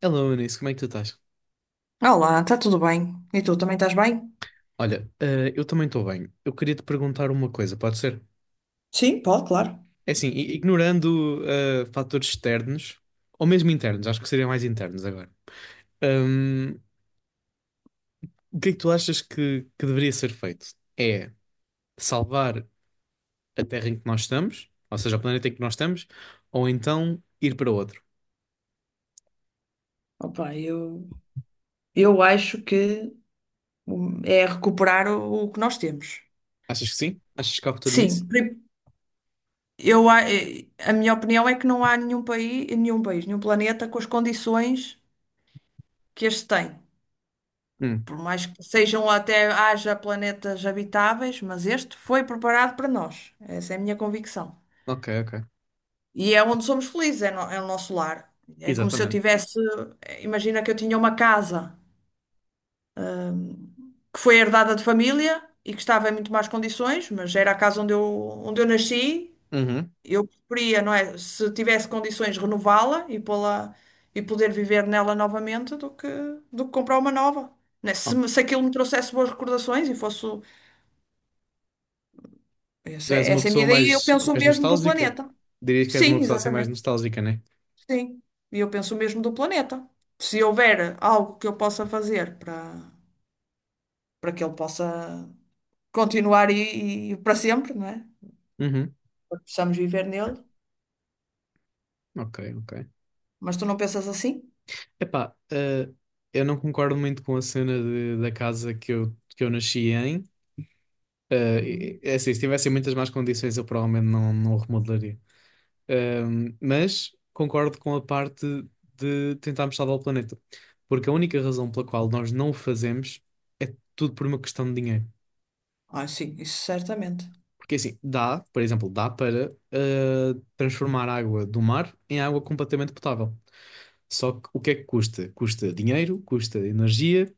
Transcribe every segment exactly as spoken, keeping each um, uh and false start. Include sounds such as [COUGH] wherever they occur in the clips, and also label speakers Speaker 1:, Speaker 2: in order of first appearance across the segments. Speaker 1: Hello, Eunice, como é que tu estás?
Speaker 2: Olá, está tudo bem? E tu também estás bem?
Speaker 1: Olha, eh, eu também estou bem. Eu queria te perguntar uma coisa, pode ser?
Speaker 2: Sim, pode, claro.
Speaker 1: É assim, i- ignorando eh, fatores externos, ou mesmo internos, acho que seriam mais internos agora. Ahm, o que é que tu achas que, que deveria ser feito? É salvar a Terra em que nós estamos, ou seja, o planeta em que nós estamos, ou então ir para outro?
Speaker 2: Opa, eu, eu acho que Hum, é recuperar o, o que nós temos.
Speaker 1: Achas que sim? Achas que há futuro nisso?
Speaker 2: Sim, pri- eu, a eh, a minha opinião é que não há nenhum país, nenhum país, nenhum planeta com as condições que este tem.
Speaker 1: Hum,
Speaker 2: Por mais que sejam até haja planetas habitáveis, mas este foi preparado para nós. Essa é a minha convicção.
Speaker 1: ok, ok.
Speaker 2: E é onde somos felizes, é, no- é o nosso lar. É como se eu
Speaker 1: Exatamente.
Speaker 2: tivesse, eh, imagina que eu tinha uma casa que foi herdada de família e que estava em muito más condições, mas era a casa onde eu, onde eu nasci.
Speaker 1: Uhum.
Speaker 2: Eu preferia, não é? Se tivesse condições, renová-la e pô-la e poder viver nela novamente do que, do que comprar uma nova. Né? Se,
Speaker 1: Ok.
Speaker 2: me- se aquilo me trouxesse boas recordações e fosse.
Speaker 1: Tu
Speaker 2: Essa
Speaker 1: és
Speaker 2: é,
Speaker 1: uma
Speaker 2: essa é a minha
Speaker 1: pessoa
Speaker 2: ideia e eu
Speaker 1: mais,
Speaker 2: penso o
Speaker 1: mais
Speaker 2: mesmo do
Speaker 1: nostálgica?
Speaker 2: planeta.
Speaker 1: Dirias que és uma
Speaker 2: Sim,
Speaker 1: pessoa assim mais
Speaker 2: exatamente.
Speaker 1: nostálgica, né?
Speaker 2: Sim. E eu penso o mesmo do planeta. Se houver algo que eu possa fazer para, para que ele possa continuar e, e para sempre, não é?
Speaker 1: Uhum.
Speaker 2: Porque precisamos viver nele,
Speaker 1: Ok, ok.
Speaker 2: mas tu não pensas assim?
Speaker 1: Epá, eh, eu não concordo muito com a cena de- da casa que eu, que eu nasci em. Eh,
Speaker 2: Uhum.
Speaker 1: é assim, se tivessem muitas más condições, eu provavelmente não, não o remodelaria. Ehm, mas concordo com a parte de tentarmos salvar o planeta. Porque a única razão pela qual nós não o fazemos é tudo por uma questão de dinheiro.
Speaker 2: Ah, sim, isso certamente.
Speaker 1: Porque assim, dá, por exemplo, dá para eh, transformar a água do mar em água completamente potável. Só que o que é que custa? Custa dinheiro, custa energia.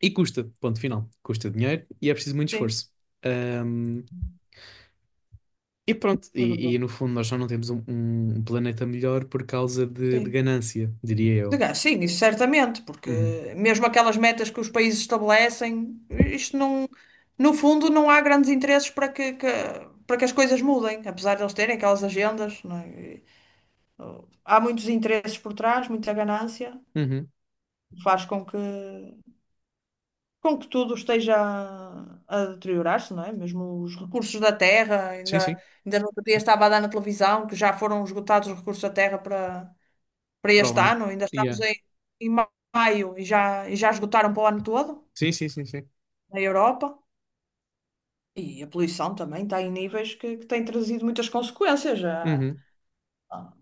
Speaker 1: E custa, ponto final. Custa dinheiro e é preciso muito
Speaker 2: Sim,
Speaker 1: esforço. Ahm, e pronto,
Speaker 2: é
Speaker 1: e, e
Speaker 2: verdade.
Speaker 1: no fundo nós já não temos um, um planeta melhor por causa de, de
Speaker 2: Sim.
Speaker 1: ganância, diria eu.
Speaker 2: Diga, sim, isso certamente, porque
Speaker 1: Uhum.
Speaker 2: mesmo aquelas metas que os países estabelecem, isto não, no fundo, não há grandes interesses para que, que- para que as coisas mudem, apesar de eles terem aquelas agendas, não é? E, oh, há muitos interesses por trás, muita ganância,
Speaker 1: Uhum.
Speaker 2: faz com que com que tudo esteja a, a deteriorar-se, não é? Mesmo os recursos da terra,
Speaker 1: Sim,
Speaker 2: ainda,
Speaker 1: sim.
Speaker 2: ainda no outro dia estava a dar na televisão que já foram esgotados os recursos da terra para, para
Speaker 1: Para o
Speaker 2: este
Speaker 1: ano.
Speaker 2: ano, ainda estamos
Speaker 1: Yeah.
Speaker 2: em, em ma- maio e já, e já esgotaram para o ano todo,
Speaker 1: Sim, sim, sim, sim.
Speaker 2: na Europa. E a poluição também está em níveis que, que têm trazido muitas consequências. Já.
Speaker 1: Uhum.
Speaker 2: ah,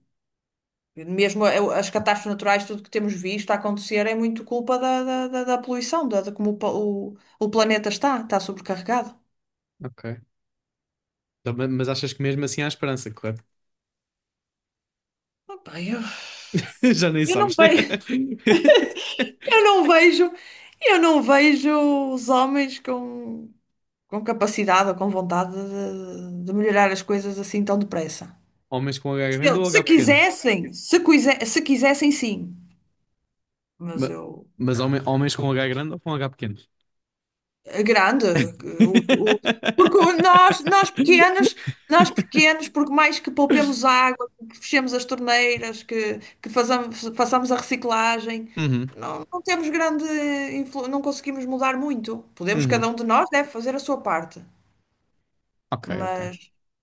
Speaker 2: Mesmo a- as catástrofes naturais, tudo que temos visto a acontecer é muito culpa da, da, da- da poluição, da, de como o, pa- o, o planeta está, está sobrecarregado.
Speaker 1: Ok. Então, ma- mas achas que mesmo assim há esperança, correto?
Speaker 2: Opa, eu-
Speaker 1: [LAUGHS] Já nem
Speaker 2: Eu não
Speaker 1: sabes.
Speaker 2: vejo,
Speaker 1: [LAUGHS]
Speaker 2: eu não vejo, eu não vejo os homens com, com capacidade ou com vontade de, de melhorar as coisas assim tão depressa.
Speaker 1: Homens com H
Speaker 2: Se,
Speaker 1: grande
Speaker 2: eu-
Speaker 1: ou H
Speaker 2: se
Speaker 1: pequeno?
Speaker 2: quisessem, se, quise- se quisessem, sim. Mas
Speaker 1: Ma-
Speaker 2: eu,
Speaker 1: Mas, homen- homens com H grande ou com H pequeno?
Speaker 2: a grande, o, o- porque o- nós, nós pequenos,
Speaker 1: [LAUGHS]
Speaker 2: nós pequenos, porque mais que poupemos água, que fechemos as torneiras, que, que façamos, façamos a reciclagem,
Speaker 1: Uhum,
Speaker 2: Não, não temos grande influ... não conseguimos mudar muito. Podemos, cada
Speaker 1: uhum.
Speaker 2: um de nós deve fazer a sua parte,
Speaker 1: Ok, ok.
Speaker 2: mas,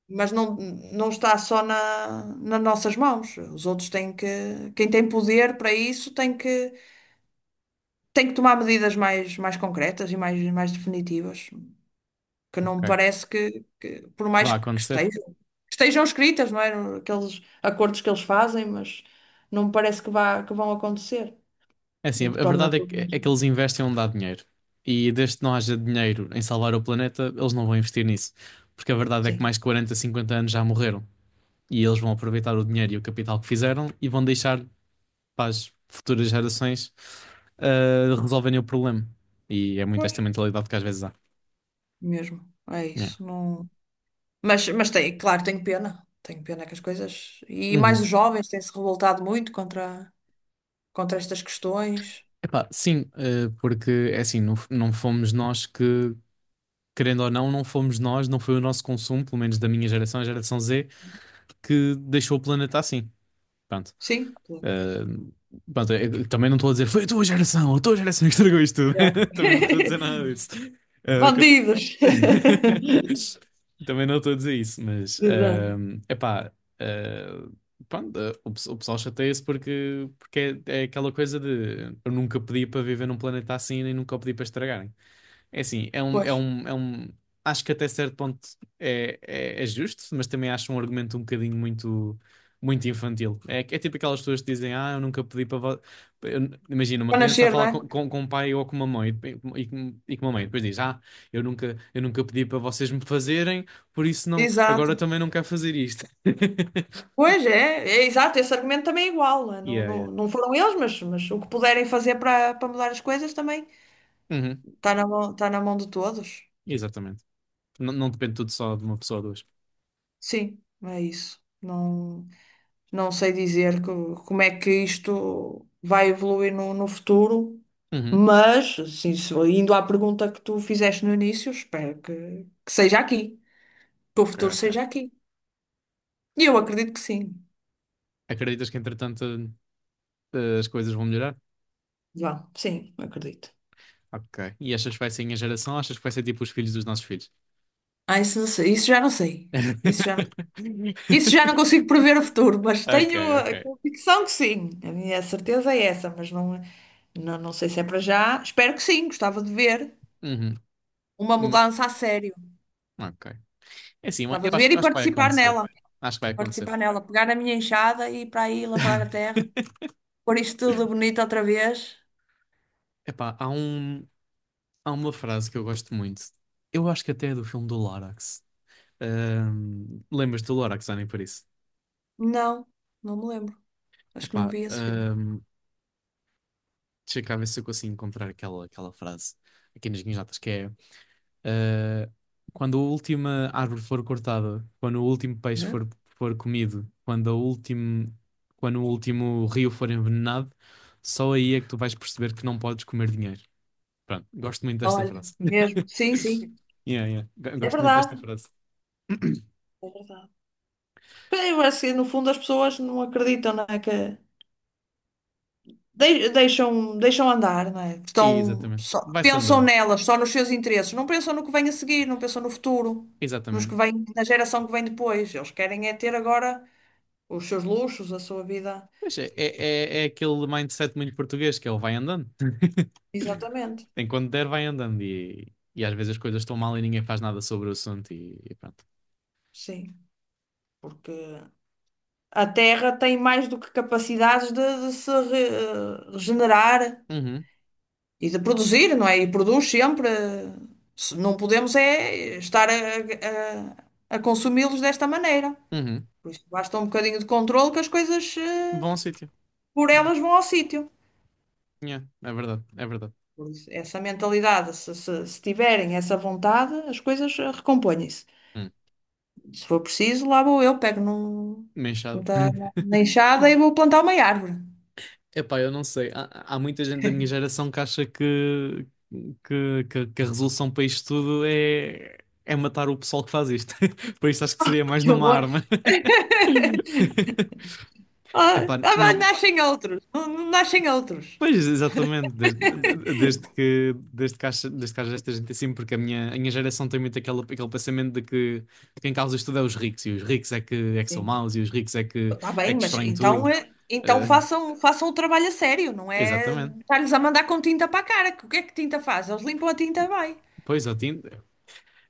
Speaker 2: mas não, não está só na, nas nossas mãos. Os outros têm que, quem tem poder para isso tem que, tem que tomar medidas mais, mais concretas e mais, mais definitivas, que não me
Speaker 1: Ok.
Speaker 2: parece que, que por
Speaker 1: Que
Speaker 2: mais
Speaker 1: vai
Speaker 2: que
Speaker 1: acontecer.
Speaker 2: estejam, que estejam escritas, não é? Aqueles acordos que eles fazem, mas não me parece que vá, que vão acontecer,
Speaker 1: É assim,
Speaker 2: o que
Speaker 1: a a
Speaker 2: torna
Speaker 1: verdade é
Speaker 2: tudo
Speaker 1: que,
Speaker 2: mais.
Speaker 1: é que eles investem onde há dinheiro. E desde que não haja dinheiro em salvar o planeta, eles não vão investir nisso. Porque a verdade é que mais
Speaker 2: Sim.
Speaker 1: de quarenta, cinquenta anos já morreram. E eles vão aproveitar o dinheiro e o capital que fizeram e vão deixar para as futuras gerações ah, resolverem o problema. E é muito esta mentalidade que às vezes há.
Speaker 2: Mesmo. É
Speaker 1: Yeah.
Speaker 2: isso. Não... Mas, mas tem, claro, tenho pena. Tenho pena que as coisas. E mais os
Speaker 1: Uhum.
Speaker 2: jovens têm-se revoltado muito contra, contra estas questões.
Speaker 1: Epá, sim, ah, porque é assim, não, f- não fomos nós que, querendo ou não, não fomos nós, não foi o nosso consumo, pelo menos da minha geração, a geração Z que deixou o planeta assim. Pronto.
Speaker 2: Sim.
Speaker 1: Eh, pronto, eu também não estou a dizer foi a tua geração, a tua geração que estragou isto tudo.
Speaker 2: Exato.
Speaker 1: [LAUGHS] Também não estou a dizer nada disso.
Speaker 2: [LAUGHS]
Speaker 1: Eh, que eu-
Speaker 2: Bandidos. [LAUGHS]
Speaker 1: [LAUGHS] Também não estou a dizer isso, mas
Speaker 2: Exato.
Speaker 1: eh, epá, eh, pronto, eh, o, pe- o pessoal chateia-se porque, porque é, é aquela coisa de eu nunca pedi para viver num planeta assim nem nunca o pedi para estragar. É assim, é um,
Speaker 2: Pois.
Speaker 1: é um, é um. Acho que até certo ponto é, é, é justo, mas também acho um argumento um bocadinho muito, muito infantil. É, que- é tipo aquelas pessoas que dizem: Ah, eu nunca pedi para. vo- Eu- Imagina, uma
Speaker 2: Para
Speaker 1: criança a
Speaker 2: nascer, não
Speaker 1: falar
Speaker 2: é?
Speaker 1: com, com, com um pai ou com uma mãe e, e, com- e com uma mãe, depois diz: Ah, eu nunca, eu nunca pedi para vocês me fazerem, por isso não, agora
Speaker 2: Exato.
Speaker 1: também não quero fazer isto. [LAUGHS]
Speaker 2: Pois é, é exato. Esse argumento também é igual. Não, é? Não,
Speaker 1: Yeah, yeah.
Speaker 2: não não foram eles, mas, mas o que puderem fazer para, para mudar as coisas também
Speaker 1: Uhum,
Speaker 2: está na mão, está na mão de todos.
Speaker 1: exatamente. Não, não depende tudo só de uma pessoa ou duas.
Speaker 2: Sim, é isso. Não. Não sei dizer co- como é que isto vai evoluir no, no futuro,
Speaker 1: Uhum,
Speaker 2: mas, sim, se- indo à pergunta que tu fizeste no início, espero que, que seja aqui, que o
Speaker 1: ok,
Speaker 2: futuro
Speaker 1: ok.
Speaker 2: seja aqui. E eu acredito que sim.
Speaker 1: Acreditas que entretanto eh, as coisas vão melhorar?
Speaker 2: Vá, sim, acredito.
Speaker 1: Ok. E achas que vai ser a minha geração? Ou achas que vai ser tipo os filhos dos nossos filhos?
Speaker 2: Ah, isso não sei, isso já não sei. Isso já não,
Speaker 1: [LAUGHS]
Speaker 2: isso já não consigo prever o futuro, mas
Speaker 1: Ok,
Speaker 2: tenho a
Speaker 1: ok.
Speaker 2: convicção que sim. A minha certeza é essa, mas não, não, não sei se é para já. Espero que sim, gostava de ver
Speaker 1: Uhum.
Speaker 2: uma
Speaker 1: Mo-
Speaker 2: mudança a sério.
Speaker 1: Ok. É assim, eu
Speaker 2: Gostava de ver
Speaker 1: acho,
Speaker 2: e
Speaker 1: acho que vai
Speaker 2: participar
Speaker 1: acontecer.
Speaker 2: nela.
Speaker 1: Acho que vai acontecer.
Speaker 2: Participar nela, pegar na minha enxada e ir para aí lavrar a terra,
Speaker 1: [LAUGHS]
Speaker 2: pôr isto tudo bonito outra vez.
Speaker 1: Epá, há um, há uma frase que eu gosto muito. Eu acho que até é do filme do Lorax. Ahm, lembras-te do Lorax, Annie, por isso?
Speaker 2: Não, não me lembro. Acho que não
Speaker 1: Epá,
Speaker 2: vi esse filme.
Speaker 1: ahm, deixa cá ver se eu consigo encontrar aquela, aquela frase aqui nas minhas notas, que é eh, quando a última árvore for cortada, quando o último peixe
Speaker 2: Hã?
Speaker 1: for, for comido, quando, a último, quando o último rio for envenenado, só aí é que tu vais perceber que não podes comer dinheiro. Pronto, gosto muito desta
Speaker 2: Olha,
Speaker 1: frase.
Speaker 2: mesmo.
Speaker 1: [LAUGHS]
Speaker 2: Sim, sim.
Speaker 1: Yeah, yeah. Go-
Speaker 2: É
Speaker 1: Gosto muito desta
Speaker 2: verdade.
Speaker 1: frase.
Speaker 2: É verdade. Pois é, eu acho que no fundo as pessoas não acreditam, não é? Que dei- deixam, deixam andar, não é?
Speaker 1: E,
Speaker 2: Estão
Speaker 1: Exatamente.
Speaker 2: só,
Speaker 1: Vai-se
Speaker 2: pensam
Speaker 1: andando.
Speaker 2: nelas, só nos seus interesses. Não pensam no que vem a seguir, não pensam no futuro, nos que
Speaker 1: Exatamente.
Speaker 2: vem, na geração que vem depois. Eles querem é ter agora os seus luxos, a sua vida.
Speaker 1: Pois é, é, é, é aquele mindset muito português que é o vai andando.
Speaker 2: Exatamente.
Speaker 1: [LAUGHS] Enquanto der, vai andando. E, e às vezes as coisas estão mal e ninguém faz nada sobre o assunto. E, e pronto.
Speaker 2: Sim. Porque a Terra tem mais do que capacidades de, de se re- eh, regenerar
Speaker 1: Uhum,
Speaker 2: e de produzir, não é? E produz sempre. Se não podemos é estar a, a- a consumi-los desta maneira.
Speaker 1: uhum.
Speaker 2: Por isso, basta um bocadinho de controle que as coisas eh,
Speaker 1: Bom sítio.
Speaker 2: por
Speaker 1: Yeah,
Speaker 2: elas vão ao sítio.
Speaker 1: yeah, é verdade, é verdade.
Speaker 2: Por isso, essa mentalidade, se, se- se tiverem essa vontade, as coisas eh, recompõem-se.
Speaker 1: Hum.
Speaker 2: Se for preciso, lá vou eu, pego num,
Speaker 1: Uma enxada.
Speaker 2: num ta-
Speaker 1: [LAUGHS]
Speaker 2: na enxada e vou plantar uma árvore.
Speaker 1: Epá, eu não sei. Há, há muita gente da minha geração que acha que, que, que, que a resolução para isto tudo é, é matar o pessoal que faz isto. [LAUGHS] Por isso acho que seria
Speaker 2: [LAUGHS]
Speaker 1: mais
Speaker 2: Que
Speaker 1: numa
Speaker 2: horror!
Speaker 1: arma. [LAUGHS]
Speaker 2: Ah,
Speaker 1: Epá,
Speaker 2: ah, mas
Speaker 1: não.
Speaker 2: nascem outros, não, não nascem outros.
Speaker 1: Pois, exatamente, desde, de- desde que, desde que, haja, desde que haja esta gente assim, porque a minha, a minha geração tem muito aquele, aquele pensamento de que quem causa isto tudo é os ricos, e os ricos é que, é que são
Speaker 2: Sim.
Speaker 1: maus, e os ricos é que,
Speaker 2: Está
Speaker 1: é
Speaker 2: bem,
Speaker 1: que
Speaker 2: mas
Speaker 1: destroem
Speaker 2: então,
Speaker 1: tudo.
Speaker 2: é- então
Speaker 1: Eh,
Speaker 2: façam, façam o trabalho a sério, não é
Speaker 1: exatamente.
Speaker 2: estar-lhes a mandar com tinta para a cara. Que o que é que tinta faz? Eles limpam a tinta bem.
Speaker 1: Pois, Otim,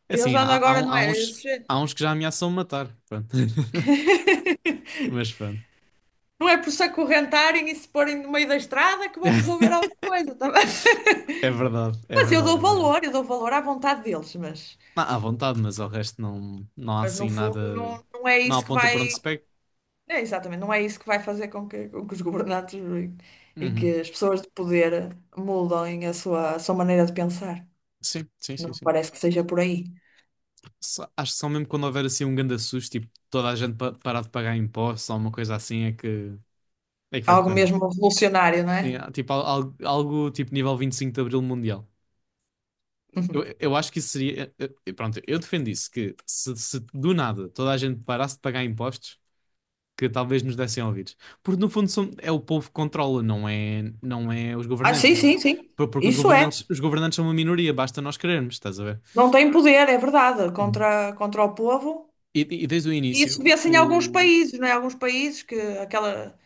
Speaker 1: é
Speaker 2: Eles
Speaker 1: assim,
Speaker 2: andam
Speaker 1: há, há,
Speaker 2: agora,
Speaker 1: um-
Speaker 2: não
Speaker 1: há
Speaker 2: é?
Speaker 1: uns,
Speaker 2: esses-
Speaker 1: há uns que já ameaçam matar, pronto. [LAUGHS]
Speaker 2: [LAUGHS]
Speaker 1: Mas pronto.
Speaker 2: Não é por se acorrentarem e se porem no meio da estrada que vão resolver alguma
Speaker 1: [LAUGHS]
Speaker 2: coisa, tá bem? [LAUGHS]
Speaker 1: É verdade, é
Speaker 2: Mas eu
Speaker 1: verdade,
Speaker 2: dou
Speaker 1: é verdade.
Speaker 2: valor, eu dou valor à vontade deles, mas,
Speaker 1: Ah, à vontade, mas ao resto não, não há
Speaker 2: mas no
Speaker 1: assim
Speaker 2: fundo
Speaker 1: nada,
Speaker 2: não, não é
Speaker 1: não
Speaker 2: isso que
Speaker 1: aponta para onde
Speaker 2: vai.
Speaker 1: se pega.
Speaker 2: É, exatamente, não é isso que vai fazer com que, com que os governantes e e
Speaker 1: Uhum.
Speaker 2: que as pessoas de poder mudem a sua, a sua maneira de pensar.
Speaker 1: Sim, sim, sim,
Speaker 2: Não
Speaker 1: sim.
Speaker 2: parece que seja por aí.
Speaker 1: Só- acho que só mesmo quando houver assim um grande susto, tipo, toda a gente pa- parar de pagar impostos ou uma coisa assim, é que, é que vai
Speaker 2: Algo
Speaker 1: correr mal.
Speaker 2: mesmo revolucionário, não
Speaker 1: E,
Speaker 2: é?
Speaker 1: ah, tipo, al- al- algo, tipo nível vinte e cinco de Abril Mundial. Eu,
Speaker 2: Uhum.
Speaker 1: eu acho que isso seria. eu- eu- Pronto, eu defendo isso, que se, se do nada toda a gente parasse de pagar impostos, que talvez nos dessem ouvidos. Porque no fundo são- é o povo que controla, não é, não é os
Speaker 2: Ah,
Speaker 1: governantes.
Speaker 2: sim, sim, sim.
Speaker 1: Por- Porque os
Speaker 2: Isso é.
Speaker 1: governantes, os governantes são uma minoria, basta nós querermos, estás a ver?
Speaker 2: Não tem poder, é verdade,
Speaker 1: Uhum.
Speaker 2: contra, contra o povo.
Speaker 1: E, e desde o
Speaker 2: E isso
Speaker 1: início,
Speaker 2: vê-se em alguns
Speaker 1: o... o-
Speaker 2: países, não é? Alguns países que aquela,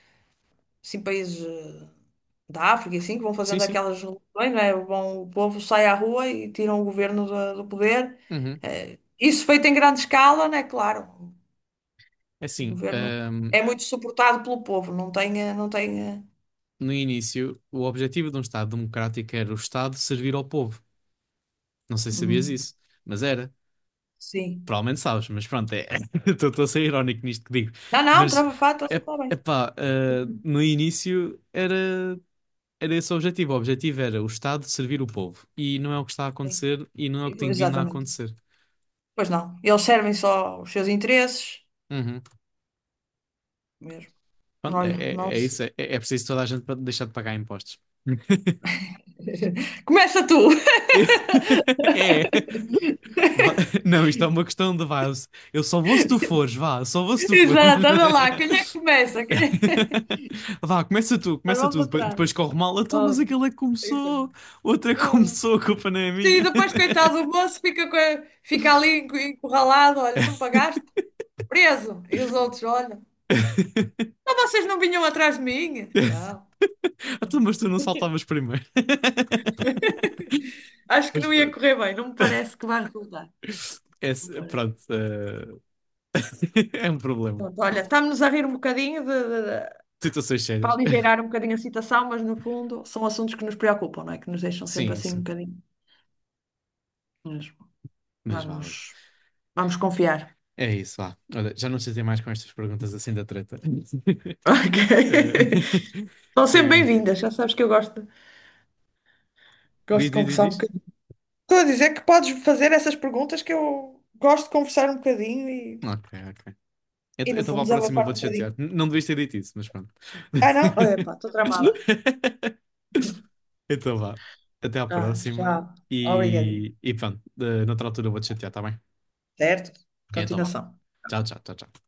Speaker 2: assim, países eh, da África, e assim, que vão
Speaker 1: Sim,
Speaker 2: fazendo
Speaker 1: sim.
Speaker 2: aquelas revoluções, né? Vão, o povo sai à rua e tiram o governo do, do poder.
Speaker 1: Uhum.
Speaker 2: Eh, isso feito em grande escala, né? Claro,
Speaker 1: É
Speaker 2: o
Speaker 1: assim,
Speaker 2: governo
Speaker 1: ahm,
Speaker 2: é muito suportado pelo povo, não tem, eh, não tem, eh,
Speaker 1: no início, o objetivo de um Estado democrático era o Estado servir ao povo. Não sei se sabias
Speaker 2: uhum,
Speaker 1: isso, mas era.
Speaker 2: sim.
Speaker 1: Provavelmente sabes, mas pronto, é, [LAUGHS] estou a ser irónico nisto que digo.
Speaker 2: Não, não,
Speaker 1: Mas,
Speaker 2: trava-fato,
Speaker 1: é,
Speaker 2: está bem.
Speaker 1: epá, ah, no início era, era esse o objetivo. O objetivo era o Estado servir o povo. E não é o que está a
Speaker 2: Sim,
Speaker 1: acontecer e não é o que tem vindo a
Speaker 2: exatamente.
Speaker 1: acontecer.
Speaker 2: Pois não, eles servem só os seus interesses
Speaker 1: Uhum.
Speaker 2: mesmo.
Speaker 1: Pronto, é,
Speaker 2: Olha, não
Speaker 1: é, é
Speaker 2: sei.
Speaker 1: isso. É, é preciso toda a gente pa- deixar de pagar impostos. [LAUGHS]
Speaker 2: [LAUGHS] Começa tu. [LAUGHS]
Speaker 1: É. Va- [LAUGHS] Não, isto é uma questão de vá. Eu só vou se tu fores, vá, só vou se tu
Speaker 2: Exato, anda lá. Quem é que
Speaker 1: fores. [LAUGHS]
Speaker 2: começa? Quem é-
Speaker 1: Vá, começa tu,
Speaker 2: [LAUGHS] Nós
Speaker 1: começa
Speaker 2: vamos
Speaker 1: tu. Depois,
Speaker 2: atrás.
Speaker 1: depois corre mal. Então,
Speaker 2: Oh,
Speaker 1: mas aquele é que
Speaker 2: então.
Speaker 1: começou, o outro é que
Speaker 2: Oh.
Speaker 1: começou, a culpa não é
Speaker 2: Sim,
Speaker 1: minha.
Speaker 2: depois, coitado, o moço fica, co- fica ali encu- encurralado. Olha, não pagaste? Preso. E os outros, olha,
Speaker 1: [LAUGHS]
Speaker 2: mas vocês não vinham atrás de mim? Não.
Speaker 1: Então, mas tu não saltavas primeiro. [LAUGHS]
Speaker 2: [LAUGHS] Acho que
Speaker 1: Mas
Speaker 2: não ia
Speaker 1: pronto.
Speaker 2: correr bem. Não me parece que vai resultar. Não
Speaker 1: Esse-
Speaker 2: parece.
Speaker 1: pronto, eh, [LAUGHS] é um problema.
Speaker 2: Pronto, olha, estamos a rir um bocadinho de- de- de-
Speaker 1: Situações
Speaker 2: para
Speaker 1: sérias.
Speaker 2: aligeirar um bocadinho a situação, mas no fundo são assuntos que nos preocupam, não é? Que nos deixam sempre
Speaker 1: Sim,
Speaker 2: assim um
Speaker 1: sim.
Speaker 2: bocadinho. Mas
Speaker 1: Mas vá, olha.
Speaker 2: vamos, vamos confiar.
Speaker 1: É isso, vá. Olha, já não chatei mais com estas perguntas assim da treta.
Speaker 2: [LAUGHS]
Speaker 1: [LAUGHS]
Speaker 2: Ok.
Speaker 1: Eh,
Speaker 2: São
Speaker 1: [LAUGHS]
Speaker 2: sempre
Speaker 1: que-
Speaker 2: bem-vindas, já sabes que eu gosto, gosto de
Speaker 1: Diz, diz, diz,
Speaker 2: conversar um
Speaker 1: diz.
Speaker 2: bocadinho. Estou a dizer que podes fazer essas perguntas que eu gosto de conversar um bocadinho e,
Speaker 1: Ok, ok. Eu
Speaker 2: e no
Speaker 1: estava
Speaker 2: fundo,
Speaker 1: à próxima,
Speaker 2: desabafar um
Speaker 1: vou-te
Speaker 2: bocadinho.
Speaker 1: chatear. N- Não devias ter dito isso, mas pronto.
Speaker 2: Ah, não? Epá, estou tramada.
Speaker 1: [LAUGHS] Então vá. Até à
Speaker 2: Ah,
Speaker 1: próxima.
Speaker 2: já. Obrigadinho.
Speaker 1: E, e pronto, eh, noutra altura eu vou-te chatear, tá bem?
Speaker 2: Certo?
Speaker 1: Então vá.
Speaker 2: Continuação.
Speaker 1: Tchau, tchau, tchau, tchau.